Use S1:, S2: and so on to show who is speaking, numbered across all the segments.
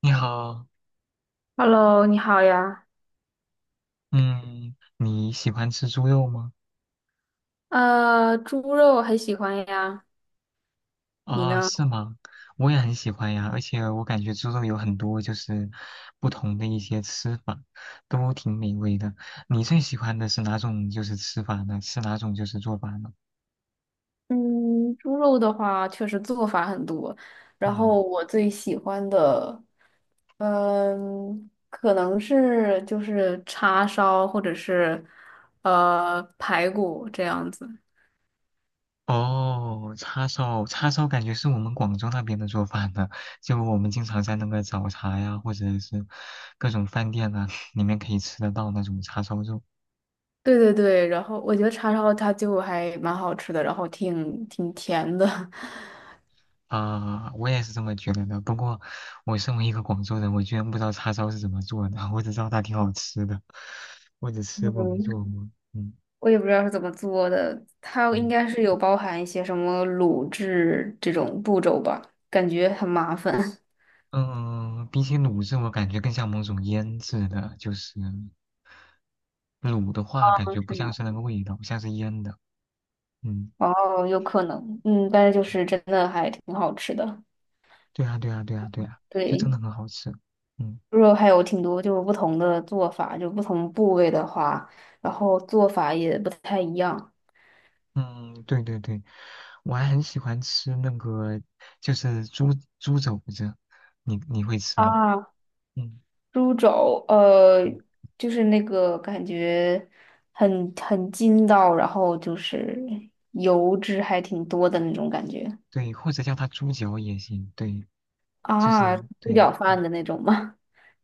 S1: 你好。
S2: Hello，你好呀。
S1: 嗯，你喜欢吃猪肉吗？
S2: 猪肉很喜欢呀，你
S1: 啊，
S2: 呢？
S1: 是吗？我也很喜欢呀，而且我感觉猪肉有很多不同的一些吃法，都挺美味的。你最喜欢的是哪种吃法呢？是哪种做法呢？
S2: 嗯，猪肉的话，确实做法很多。然后
S1: 嗯。
S2: 我最喜欢的，嗯，可能是就是叉烧或者是排骨这样子。
S1: 哦，叉烧，叉烧感觉是我们广州那边的做法呢，就我们经常在那个早茶呀，或者是各种饭店啊，里面可以吃得到那种叉烧肉。
S2: 对对对，然后我觉得叉烧它就还蛮好吃的，然后挺甜的。
S1: 啊，我也是这么觉得的。不过，我身为一个广州人，我居然不知道叉烧是怎么做的，我只知道它挺好吃的，我只吃过没
S2: 嗯，
S1: 做过。嗯。
S2: 我也不知道是怎么做的，它应
S1: 嗯
S2: 该是有包含一些什么卤制这种步骤吧，感觉很麻烦。
S1: 嗯、比起卤制，我感觉更像某种腌制的，就是卤的话，感
S2: 哦，
S1: 觉不
S2: 是
S1: 像
S2: 吗？
S1: 是那个味道，像是腌的。嗯，
S2: 哦，有可能，嗯，但是就是真的还挺好吃的。
S1: 对啊对啊对啊对啊，就真
S2: 对，
S1: 的很好吃。嗯。
S2: 猪肉还有挺多就是不同的做法，就不同部位的话，然后做法也不太一样
S1: 嗯，对对对，我还很喜欢吃那个，就是猪肘子，你会吃吗？
S2: 啊。
S1: 嗯。
S2: 猪肘，
S1: 对
S2: 就是那个感觉很筋道，然后就是油脂还挺多的那种感觉。
S1: 对，或者叫它猪脚也行，对，就
S2: 啊，
S1: 是
S2: 猪
S1: 对，
S2: 脚
S1: 嗯，
S2: 饭的那种吗？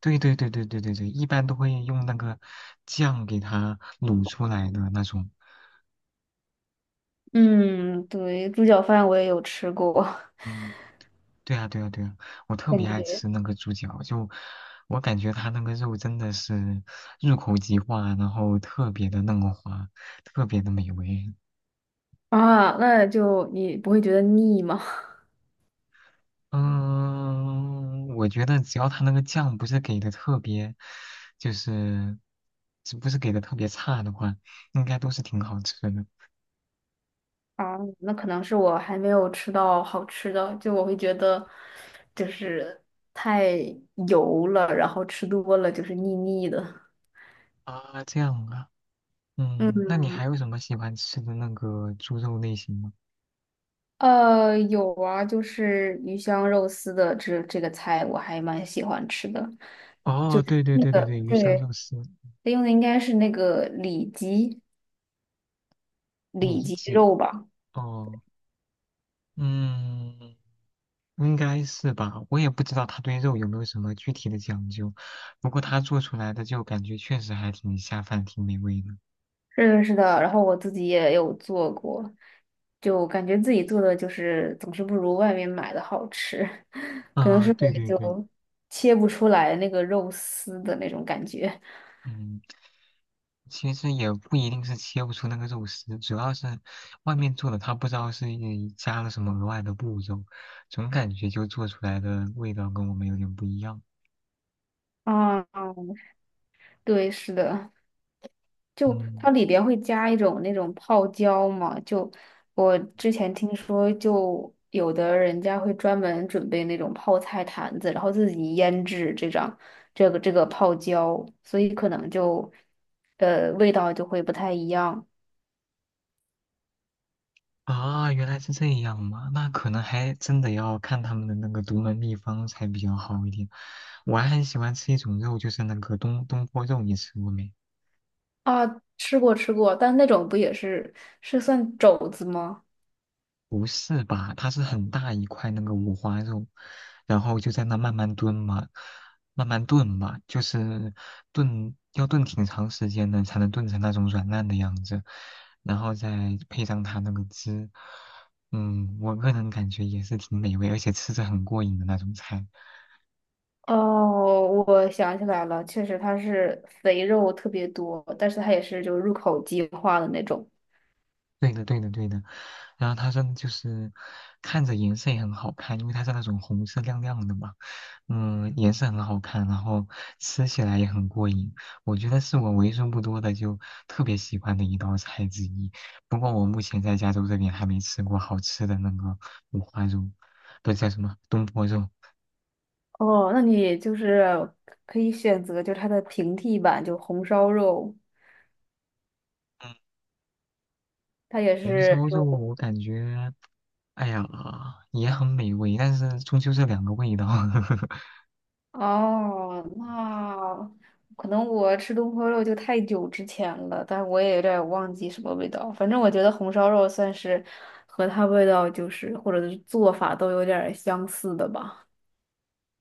S1: 对对对对对对对，一般都会用那个酱给它卤出来的那种。
S2: 嗯，对，猪脚饭我也有吃过，
S1: 嗯，对啊对啊对啊，我特
S2: 感
S1: 别爱
S2: 觉
S1: 吃那个猪脚，就我感觉它那个肉真的是入口即化，然后特别的嫩滑，特别的美味。
S2: 啊，那就你不会觉得腻吗？
S1: 嗯，我觉得只要它那个酱不是给的特别，就是只不是给的特别差的话，应该都是挺好吃的。
S2: 啊，那可能是我还没有吃到好吃的，就我会觉得就是太油了，然后吃多了就是腻腻的。
S1: 啊，这样啊。嗯，那你
S2: 嗯，
S1: 还有什么喜欢吃的那个猪肉类型吗？
S2: 有啊，就是鱼香肉丝的这个菜我还蛮喜欢吃的。
S1: 哦，对对
S2: 那
S1: 对对
S2: 个
S1: 对，鱼香
S2: 对，
S1: 肉丝。
S2: 用的应该是那个里脊。
S1: 里
S2: 里脊
S1: 脊，
S2: 肉吧。
S1: 哦，嗯，应该是吧，我也不知道他对肉有没有什么具体的讲究，不过他做出来的就感觉确实还挺下饭，挺美味的。
S2: 是的，是的。然后我自己也有做过，就感觉自己做的就是总是不如外面买的好吃，可能
S1: 啊，
S2: 是
S1: 对
S2: 我
S1: 对对。
S2: 就切不出来那个肉丝的那种感觉。
S1: 嗯。其实也不一定是切不出那个肉丝，主要是外面做的，他不知道是加了什么额外的步骤，总感觉就做出来的味道跟我们有点不一样。
S2: 啊，对，是的。就
S1: 嗯。
S2: 它里边会加一种那种泡椒嘛，就我之前听说，就有的人家会专门准备那种泡菜坛子，然后自己腌制这张这个泡椒，所以可能就味道就会不太一样
S1: 啊，原来是这样嘛，那可能还真的要看他们的那个独门秘方才比较好一点。我还很喜欢吃一种肉，就是那个东坡肉，你吃过没？
S2: 啊。吃过吃过，但那种不也是是算肘子吗？
S1: 不是吧？它是很大一块那个五花肉，然后就在那慢慢炖嘛，慢慢炖嘛，就是炖要炖挺长时间的，才能炖成那种软烂的样子，然后再配上它那个汁。嗯，我个人感觉也是挺美味，而且吃着很过瘾的那种菜。
S2: 哦，我想起来了，确实它是肥肉特别多，但是它也是就入口即化的那种。
S1: 对的，对的，对的。然后它真的就是看着颜色也很好看，因为它是那种红色亮亮的嘛。嗯，颜色很好看，然后吃起来也很过瘾。我觉得是我为数不多的就特别喜欢的一道菜之一。不过我目前在加州这边还没吃过好吃的那个五花肉，不是叫什么东坡肉。
S2: 哦，那你就是可以选择，就是它的平替版，就红烧肉，
S1: 嗯，
S2: 它也
S1: 红
S2: 是
S1: 烧
S2: 就
S1: 肉我感觉，哎呀，也很美味，但是终究是两个味道。
S2: 哦，那可能我吃东坡肉就太久之前了，但我也有点儿忘记什么味道。反正我觉得红烧肉算是和它味道就是或者是做法都有点儿相似的吧。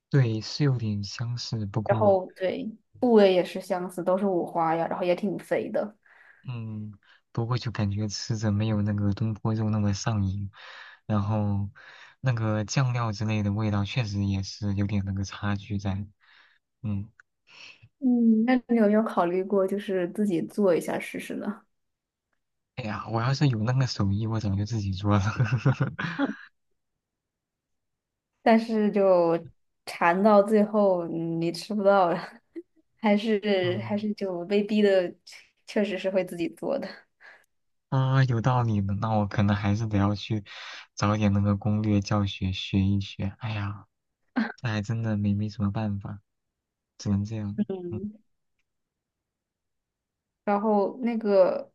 S1: 对，是有点相似，不
S2: 然
S1: 过。
S2: 后对，部位也是相似，都是五花呀，然后也挺肥的。
S1: 嗯，不过就感觉吃着没有那个东坡肉那么上瘾，然后那个酱料之类的味道确实也是有点那个差距在。嗯。
S2: 嗯，那你有没有考虑过就是自己做一下试试呢？
S1: 哎呀，我要是有那个手艺，我早就自己做了。
S2: 但是就馋到最后你吃不到了，还是
S1: 嗯。
S2: 还是就被逼的，确实是会自己做的。
S1: 啊，有道理的，那我可能还是得要去找点那个攻略教学学一学。哎呀，这还真的没什么办法，只能这样。嗯。
S2: 嗯，然后那个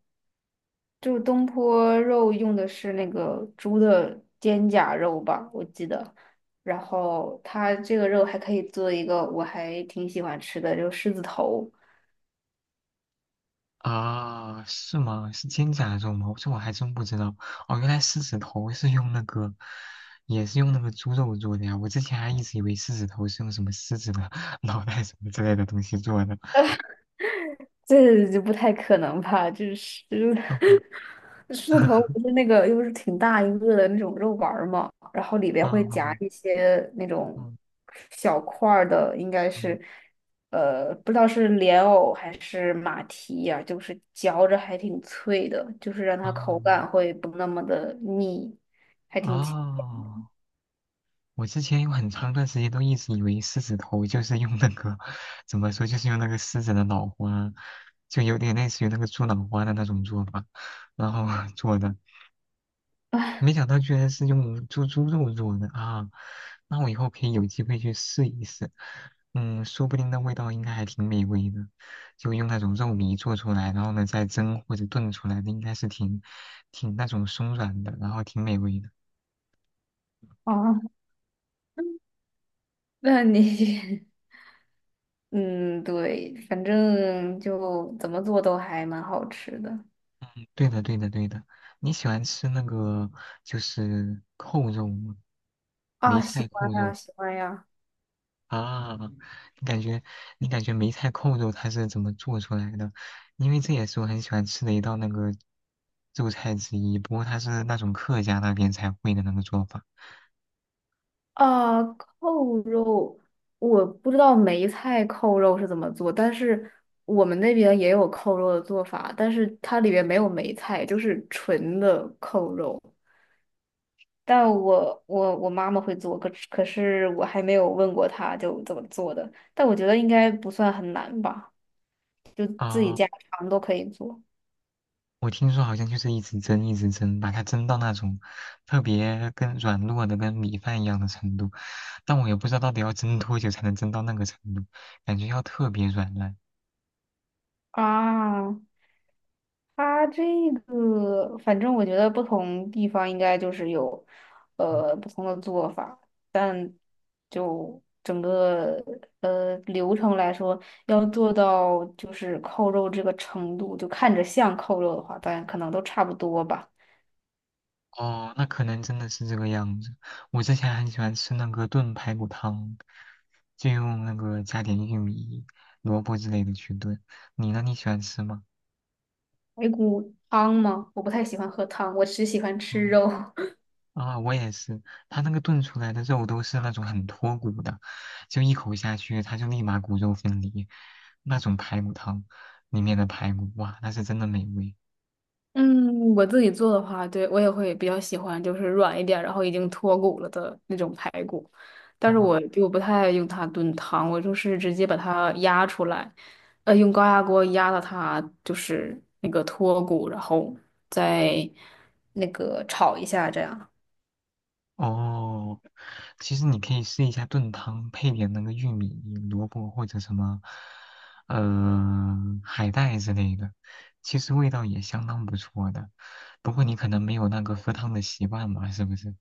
S2: 就是东坡肉用的是那个猪的肩胛肉吧，我记得。然后它这个肉还可以做一个我还挺喜欢吃的，就是狮子头。
S1: 啊，是吗？是肩胛肉吗？这我还真不知道。哦，原来狮子头是用那个，也是用那个猪肉做的呀。我之前还一直以为狮子头是用什么狮子的 脑袋什么之类的东西做的。
S2: 这就不太可能吧？这狮
S1: 嗯
S2: 狮子头不是那个，又是挺大一个的那种肉丸儿嘛，然后里边
S1: 嗯
S2: 会夹
S1: 嗯
S2: 一些那种
S1: 嗯
S2: 小块儿的，应该
S1: 嗯
S2: 是不知道是莲藕还是马蹄呀、就是嚼着还挺脆的，就是让它口
S1: 嗯
S2: 感会不那么的腻，还挺清
S1: 哦，我之前有很长一段时间都一直以为狮子头就是用那个，怎么说，就是用那个狮子的脑花，就有点类似于那个猪脑花的那种做法，然后 做的。没想到居然是用猪肉做的啊！那我以后可以有机会去试一试。嗯，说不定那味道应该还挺美味的。就用那种肉糜做出来，然后呢再蒸或者炖出来的，应该是挺那种松软的，然后挺美味的。
S2: 啊。那你 嗯，对，反正就怎么做都还蛮好吃的。
S1: 对的，对的，对的。你喜欢吃那个就是扣肉吗？梅
S2: 啊，
S1: 菜
S2: 喜欢
S1: 扣
S2: 呀，
S1: 肉。
S2: 喜欢呀。
S1: 啊，你感觉你感觉梅菜扣肉它是怎么做出来的？因为这也是我很喜欢吃的一道那个肉菜之一，不过它是那种客家那边才会的那个做法。
S2: 啊，扣肉，我不知道梅菜扣肉是怎么做，但是我们那边也有扣肉的做法，但是它里面没有梅菜，就是纯的扣肉。但我妈妈会做，可是我还没有问过她就怎么做的，但我觉得应该不算很难吧，就自己
S1: 啊，
S2: 家常都可以做
S1: 我听说好像就是一直蒸，一直蒸，把它蒸到那种特别跟软糯的跟米饭一样的程度，但我也不知道到底要蒸多久才能蒸到那个程度，感觉要特别软烂。
S2: 啊。它这个，反正我觉得不同地方应该就是有，不同的做法，但就整个流程来说，要做到就是扣肉这个程度，就看着像扣肉的话，当然可能都差不多吧。
S1: 哦，那可能真的是这个样子。我之前很喜欢吃那个炖排骨汤，就用那个加点玉米、萝卜之类的去炖。你呢？你喜欢吃吗？
S2: 排骨汤吗？我不太喜欢喝汤，我只喜欢吃
S1: 嗯，
S2: 肉。
S1: 啊，我也是。它那个炖出来的肉都是那种很脱骨的，就一口下去，它就立马骨肉分离。那种排骨汤里面的排骨，哇，那是真的美味。
S2: 嗯，我自己做的话，对，我也会比较喜欢，就是软一点，然后已经脱骨了的那种排骨。但
S1: 哦，
S2: 是我就不太用它炖汤，我就是直接把它压出来，用高压锅压到它就是那个脱骨，然后再那个炒一下，这样。
S1: 哦，其实你可以试一下炖汤，配点那个玉米、萝卜或者什么，海带之类的，其实味道也相当不错的。不过你可能没有那个喝汤的习惯嘛，是不是？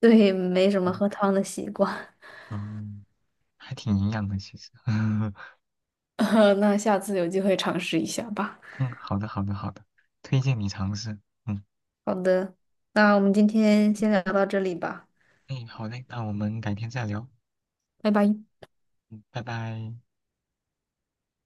S2: 对，没什么
S1: 嗯。
S2: 喝汤的习惯，
S1: 嗯，还挺营养的，其实。
S2: 那下次有机会尝试一下吧。
S1: 嗯，好的，好的，好的，推荐你尝试。嗯，
S2: 好的，那我们今天先聊到这里吧，
S1: 哎，好嘞，那我们改天再聊，
S2: 拜拜。
S1: 嗯，拜拜。